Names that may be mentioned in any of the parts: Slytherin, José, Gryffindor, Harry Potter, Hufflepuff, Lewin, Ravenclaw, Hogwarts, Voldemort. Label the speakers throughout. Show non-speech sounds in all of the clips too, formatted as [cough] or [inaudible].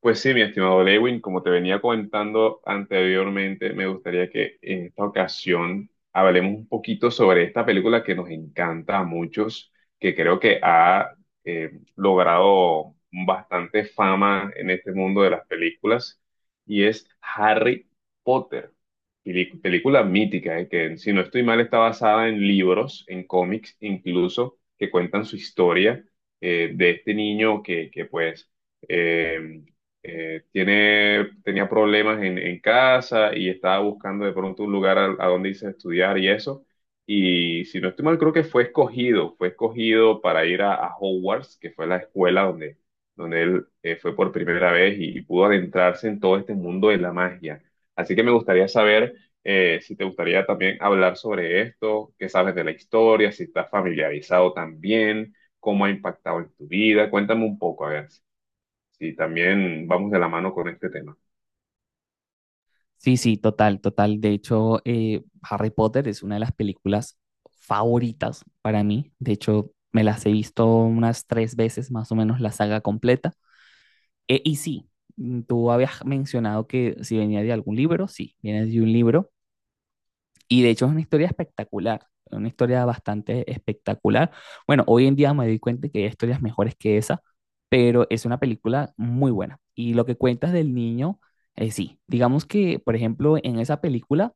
Speaker 1: Pues sí, mi estimado Lewin, como te venía comentando anteriormente, me gustaría que en esta ocasión hablemos un poquito sobre esta película que nos encanta a muchos, que creo que ha logrado bastante fama en este mundo de las películas, y es Harry Potter, película mítica, que si no estoy mal está basada en libros, en cómics incluso, que cuentan su historia de este niño que pues... em, tenía problemas en casa y estaba buscando de pronto un lugar a donde irse a estudiar y eso. Y si no estoy mal, creo que fue escogido para ir a Hogwarts, que fue la escuela donde él fue por primera vez y pudo adentrarse en todo este mundo de la magia. Así que me gustaría saber si te gustaría también hablar sobre esto, qué sabes de la historia, si estás familiarizado también, cómo ha impactado en tu vida. Cuéntame un poco, a ver. Sí, también vamos de la mano con este tema.
Speaker 2: Sí, sí, total, total. De hecho, Harry Potter es una de las películas favoritas para mí. De hecho, me las he visto unas tres veces más o menos la saga completa. Eh, y sí, Tú habías mencionado que si venía de algún libro, sí, viene de un libro. Y de hecho es una historia espectacular, una historia bastante espectacular. Bueno, hoy en día me doy cuenta que hay historias mejores que esa, pero es una película muy buena. Y lo que cuentas del niño, sí, digamos que, por ejemplo, en esa película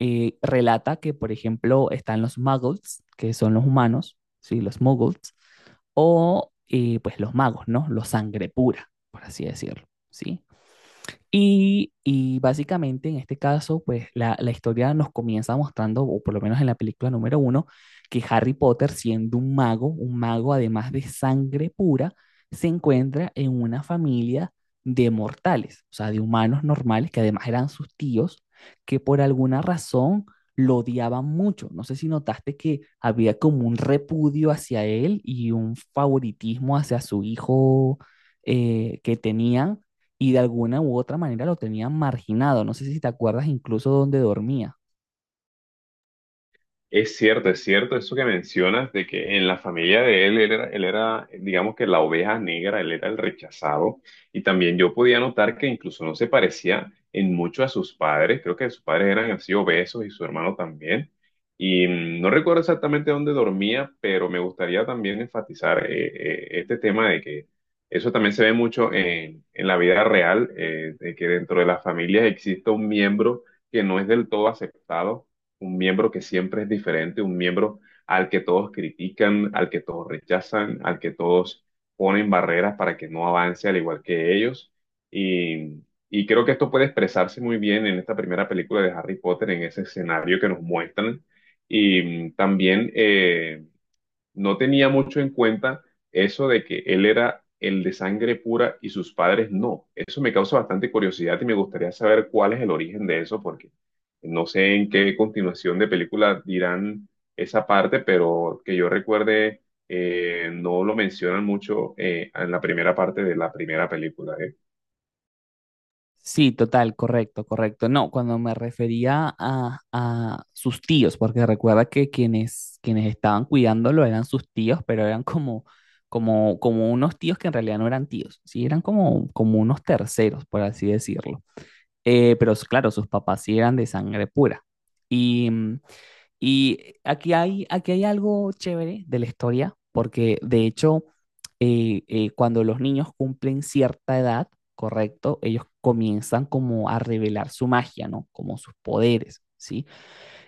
Speaker 2: relata que, por ejemplo, están los muggles, que son los humanos, ¿sí? Los muggles, o pues los magos, ¿no? Los sangre pura, por así decirlo, ¿sí? Y básicamente en este caso, pues la historia nos comienza mostrando, o por lo menos en la película número uno, que Harry Potter, siendo un mago además de sangre pura, se encuentra en una familia de mortales, o sea, de humanos normales, que además eran sus tíos, que por alguna razón lo odiaban mucho. No sé si notaste que había como un repudio hacia él y un favoritismo hacia su hijo que tenían, y de alguna u otra manera lo tenían marginado. No sé si te acuerdas incluso dónde dormía.
Speaker 1: Es cierto eso que mencionas de que en la familia de él, él era, digamos que la oveja negra, él era el rechazado. Y también yo podía notar que incluso no se parecía en mucho a sus padres. Creo que sus padres eran así obesos y su hermano también. Y no recuerdo exactamente dónde dormía, pero me gustaría también enfatizar este tema de que eso también se ve mucho en la vida real, de que dentro de las familias existe un miembro que no es del todo aceptado, un miembro que siempre es diferente, un miembro al que todos critican, al que todos rechazan, al que todos ponen barreras para que no avance al igual que ellos. Y, y creo que esto puede expresarse muy bien en esta primera película de Harry Potter, en ese escenario que nos muestran. Y también... no tenía mucho en cuenta eso de que él era el de sangre pura y sus padres no. Eso me causa bastante curiosidad y me gustaría saber cuál es el origen de eso, porque no sé en qué continuación de película dirán esa parte, pero que yo recuerde, no lo mencionan mucho en la primera parte de la primera película, ¿eh?
Speaker 2: Sí, total, correcto, correcto. No, cuando me refería a sus tíos, porque recuerda que quienes, quienes estaban cuidándolo eran sus tíos, pero eran como, como unos tíos que en realidad no eran tíos, sí, eran como, como unos terceros, por así decirlo. Pero claro, sus papás sí eran de sangre pura. Y mm, Y aquí hay algo chévere de la historia, porque de hecho, cuando los niños cumplen cierta edad, correcto, ellos comienzan como a revelar su magia, ¿no? Como sus poderes, ¿sí?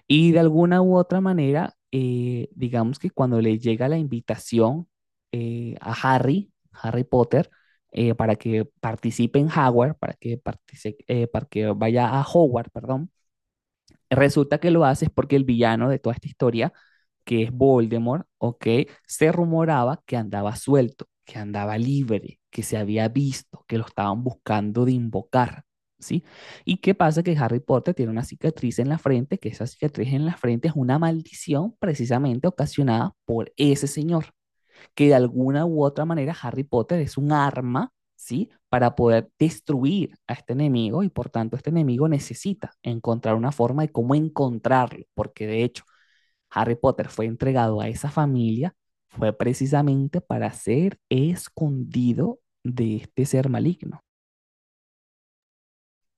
Speaker 2: Y de alguna u otra manera, digamos que cuando le llega la invitación a Harry, Harry Potter, para que participe en Hogwarts, para que, para que vaya a Hogwarts, perdón. Resulta que lo hace es porque el villano de toda esta historia, que es Voldemort, ¿ok? Se rumoraba que andaba suelto, que andaba libre, que se había visto, que lo estaban buscando de invocar, ¿sí? ¿Y qué pasa? Que Harry Potter tiene una cicatriz en la frente, que esa cicatriz en la frente es una maldición precisamente ocasionada por ese señor, que de alguna u otra manera Harry Potter es un arma, ¿sí? Para poder destruir a este enemigo, y por tanto este enemigo necesita encontrar una forma de cómo encontrarlo, porque de hecho Harry Potter fue entregado a esa familia, fue precisamente para ser escondido de este ser maligno.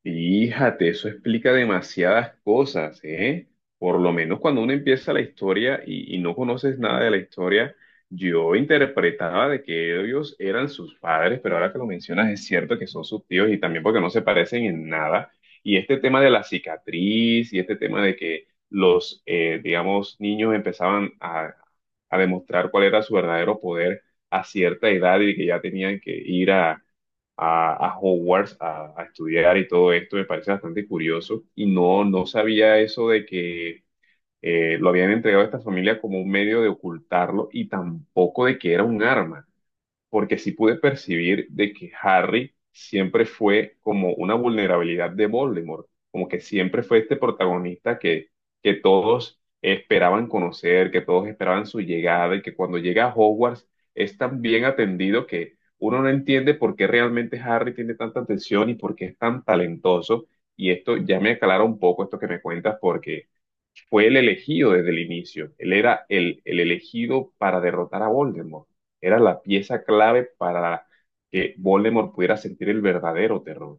Speaker 1: Fíjate, eso explica demasiadas cosas, ¿eh? Por lo menos cuando uno empieza la historia y no conoces nada de la historia, yo interpretaba de que ellos eran sus padres, pero ahora que lo mencionas es cierto que son sus tíos y también porque no se parecen en nada. Y este tema de la cicatriz y este tema de que los, digamos, niños empezaban a demostrar cuál era su verdadero poder a cierta edad y que ya tenían que ir a a Hogwarts a estudiar y todo esto, me parece bastante curioso. Y no, no sabía eso de que lo habían entregado a esta familia como un medio de ocultarlo y tampoco de que era un arma porque sí pude percibir de que Harry siempre fue como una vulnerabilidad de Voldemort, como que siempre fue este protagonista que todos esperaban conocer, que todos esperaban su llegada y que cuando llega a Hogwarts es tan bien atendido que uno no entiende por qué realmente Harry tiene tanta atención y por qué es tan talentoso. Y esto ya me aclara un poco esto que me cuentas porque fue el elegido desde el inicio. Él era el elegido para derrotar a Voldemort. Era la pieza clave para que Voldemort pudiera sentir el verdadero terror.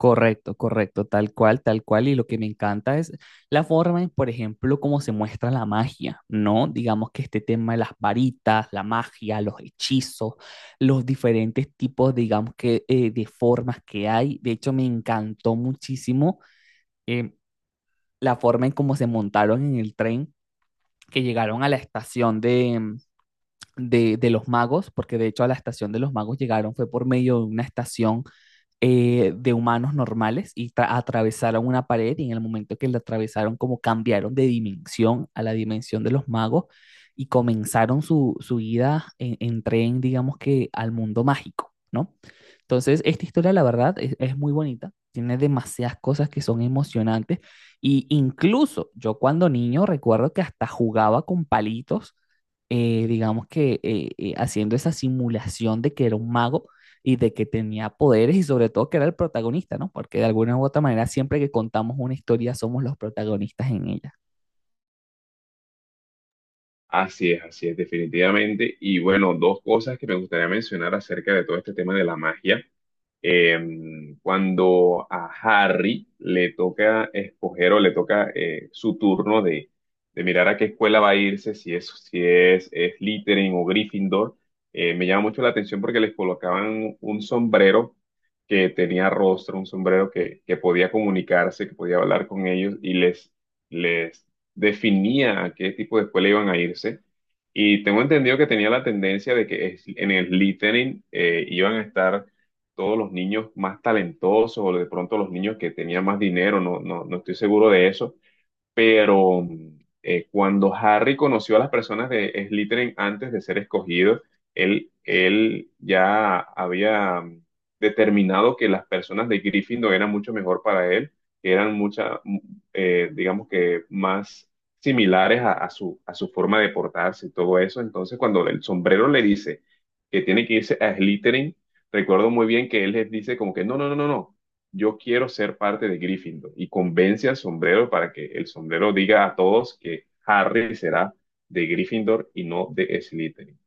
Speaker 2: Correcto, correcto, tal cual, tal cual. Y lo que me encanta es la forma en, por ejemplo, cómo se muestra la magia, ¿no? Digamos que este tema de las varitas, la magia, los hechizos, los diferentes tipos, digamos que, de formas que hay. De hecho, me encantó muchísimo eh, la forma en cómo se montaron en el tren, que llegaron a la estación de, de los magos, porque de hecho a la estación de los magos llegaron fue por medio de una estación de humanos normales, y atravesaron una pared, y en el momento que la atravesaron como cambiaron de dimensión a la dimensión de los magos y comenzaron su, su ida en tren, digamos que al mundo mágico, ¿no? Entonces, esta historia, la verdad, es muy bonita, tiene demasiadas cosas que son emocionantes, y incluso yo cuando niño recuerdo que hasta jugaba con palitos, digamos que haciendo esa simulación de que era un mago y de que tenía poderes, y sobre todo que era el protagonista, ¿no? Porque de alguna u otra manera siempre que contamos una historia somos los protagonistas en ella.
Speaker 1: Así es, definitivamente. Y bueno, dos cosas que me gustaría mencionar acerca de todo este tema de la magia. Eh, cuando a Harry le toca escoger o le toca su turno de mirar a qué escuela va a irse, si es, si es, es Slytherin o Gryffindor, me llama mucho la atención porque les colocaban un sombrero que tenía rostro, un sombrero que podía comunicarse, que podía hablar con ellos y les definía a qué tipo de escuela iban a irse. Y tengo entendido que tenía la tendencia de que en el Slytherin iban a estar todos los niños más talentosos o de pronto los niños que tenían más dinero, no, no, no estoy seguro de eso, pero cuando Harry conoció a las personas de Slytherin antes de ser escogido, él ya había determinado que las personas de Gryffindor eran mucho mejor para él, que eran muchas, digamos que más similares a a su forma de portarse y todo eso. Entonces, cuando el sombrero le dice que tiene que irse a Slytherin, recuerdo muy bien que él les dice como que no, no, no, no, no, yo quiero ser parte de Gryffindor y convence al sombrero para que el sombrero diga a todos que Harry será de Gryffindor y no de Slytherin.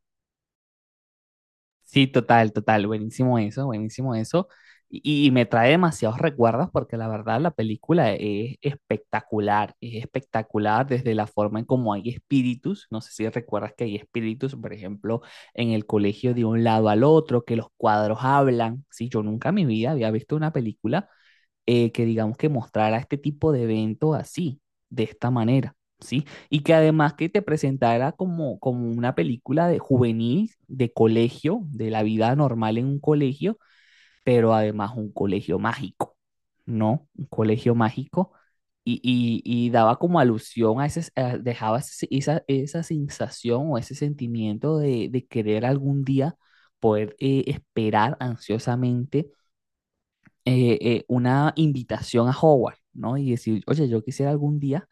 Speaker 2: Sí, total, total, buenísimo eso, buenísimo eso. Y me trae demasiados recuerdos, porque la verdad la película es espectacular desde la forma en cómo hay espíritus, no sé si recuerdas que hay espíritus, por ejemplo, en el colegio de un lado al otro, que los cuadros hablan. Sí, yo nunca en mi vida había visto una película que digamos que mostrara este tipo de eventos así, de esta manera, ¿sí? Y que además que te presentara como, como una película de juvenil, de colegio, de la vida normal en un colegio, pero además un colegio mágico, ¿no? Un colegio mágico. Y daba como alusión a dejaba esa sensación o ese sentimiento de querer algún día poder esperar ansiosamente una invitación a Hogwarts, ¿no? Y decir, oye, yo quisiera algún día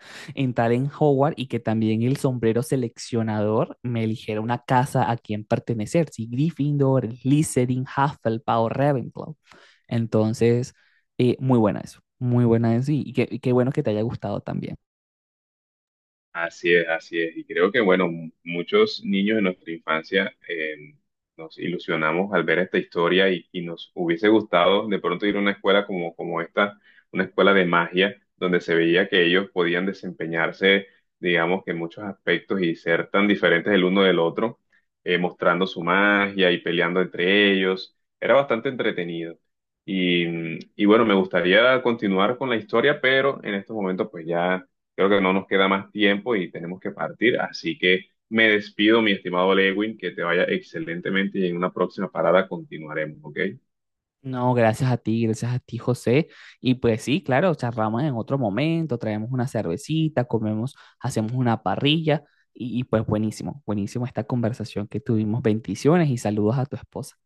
Speaker 2: [laughs] entrar en Hogwarts, y que también el sombrero seleccionador me eligiera una casa a quien pertenecer, si Gryffindor, Slytherin, Hufflepuff o Ravenclaw. Entonces, muy buena eso, muy buena eso, y qué bueno que te haya gustado también.
Speaker 1: Así es, así es. Y creo que, bueno, muchos niños en nuestra infancia nos ilusionamos al ver esta historia y nos hubiese gustado de pronto ir a una escuela como esta, una escuela de magia, donde se veía que ellos podían desempeñarse, digamos que en muchos aspectos y ser tan diferentes el uno del otro, mostrando su magia y peleando entre ellos. Era bastante entretenido. Y, y bueno, me gustaría continuar con la historia, pero en estos momentos pues ya creo que no nos queda más tiempo y tenemos que partir, así que me despido, mi estimado Lewin, que te vaya excelentemente y en una próxima parada continuaremos, ¿ok?
Speaker 2: No, gracias a ti, José. Y pues sí, claro, charlamos en otro momento, traemos una cervecita, comemos, hacemos una parrilla, y pues buenísimo, buenísimo esta conversación que tuvimos. Bendiciones y saludos a tu esposa.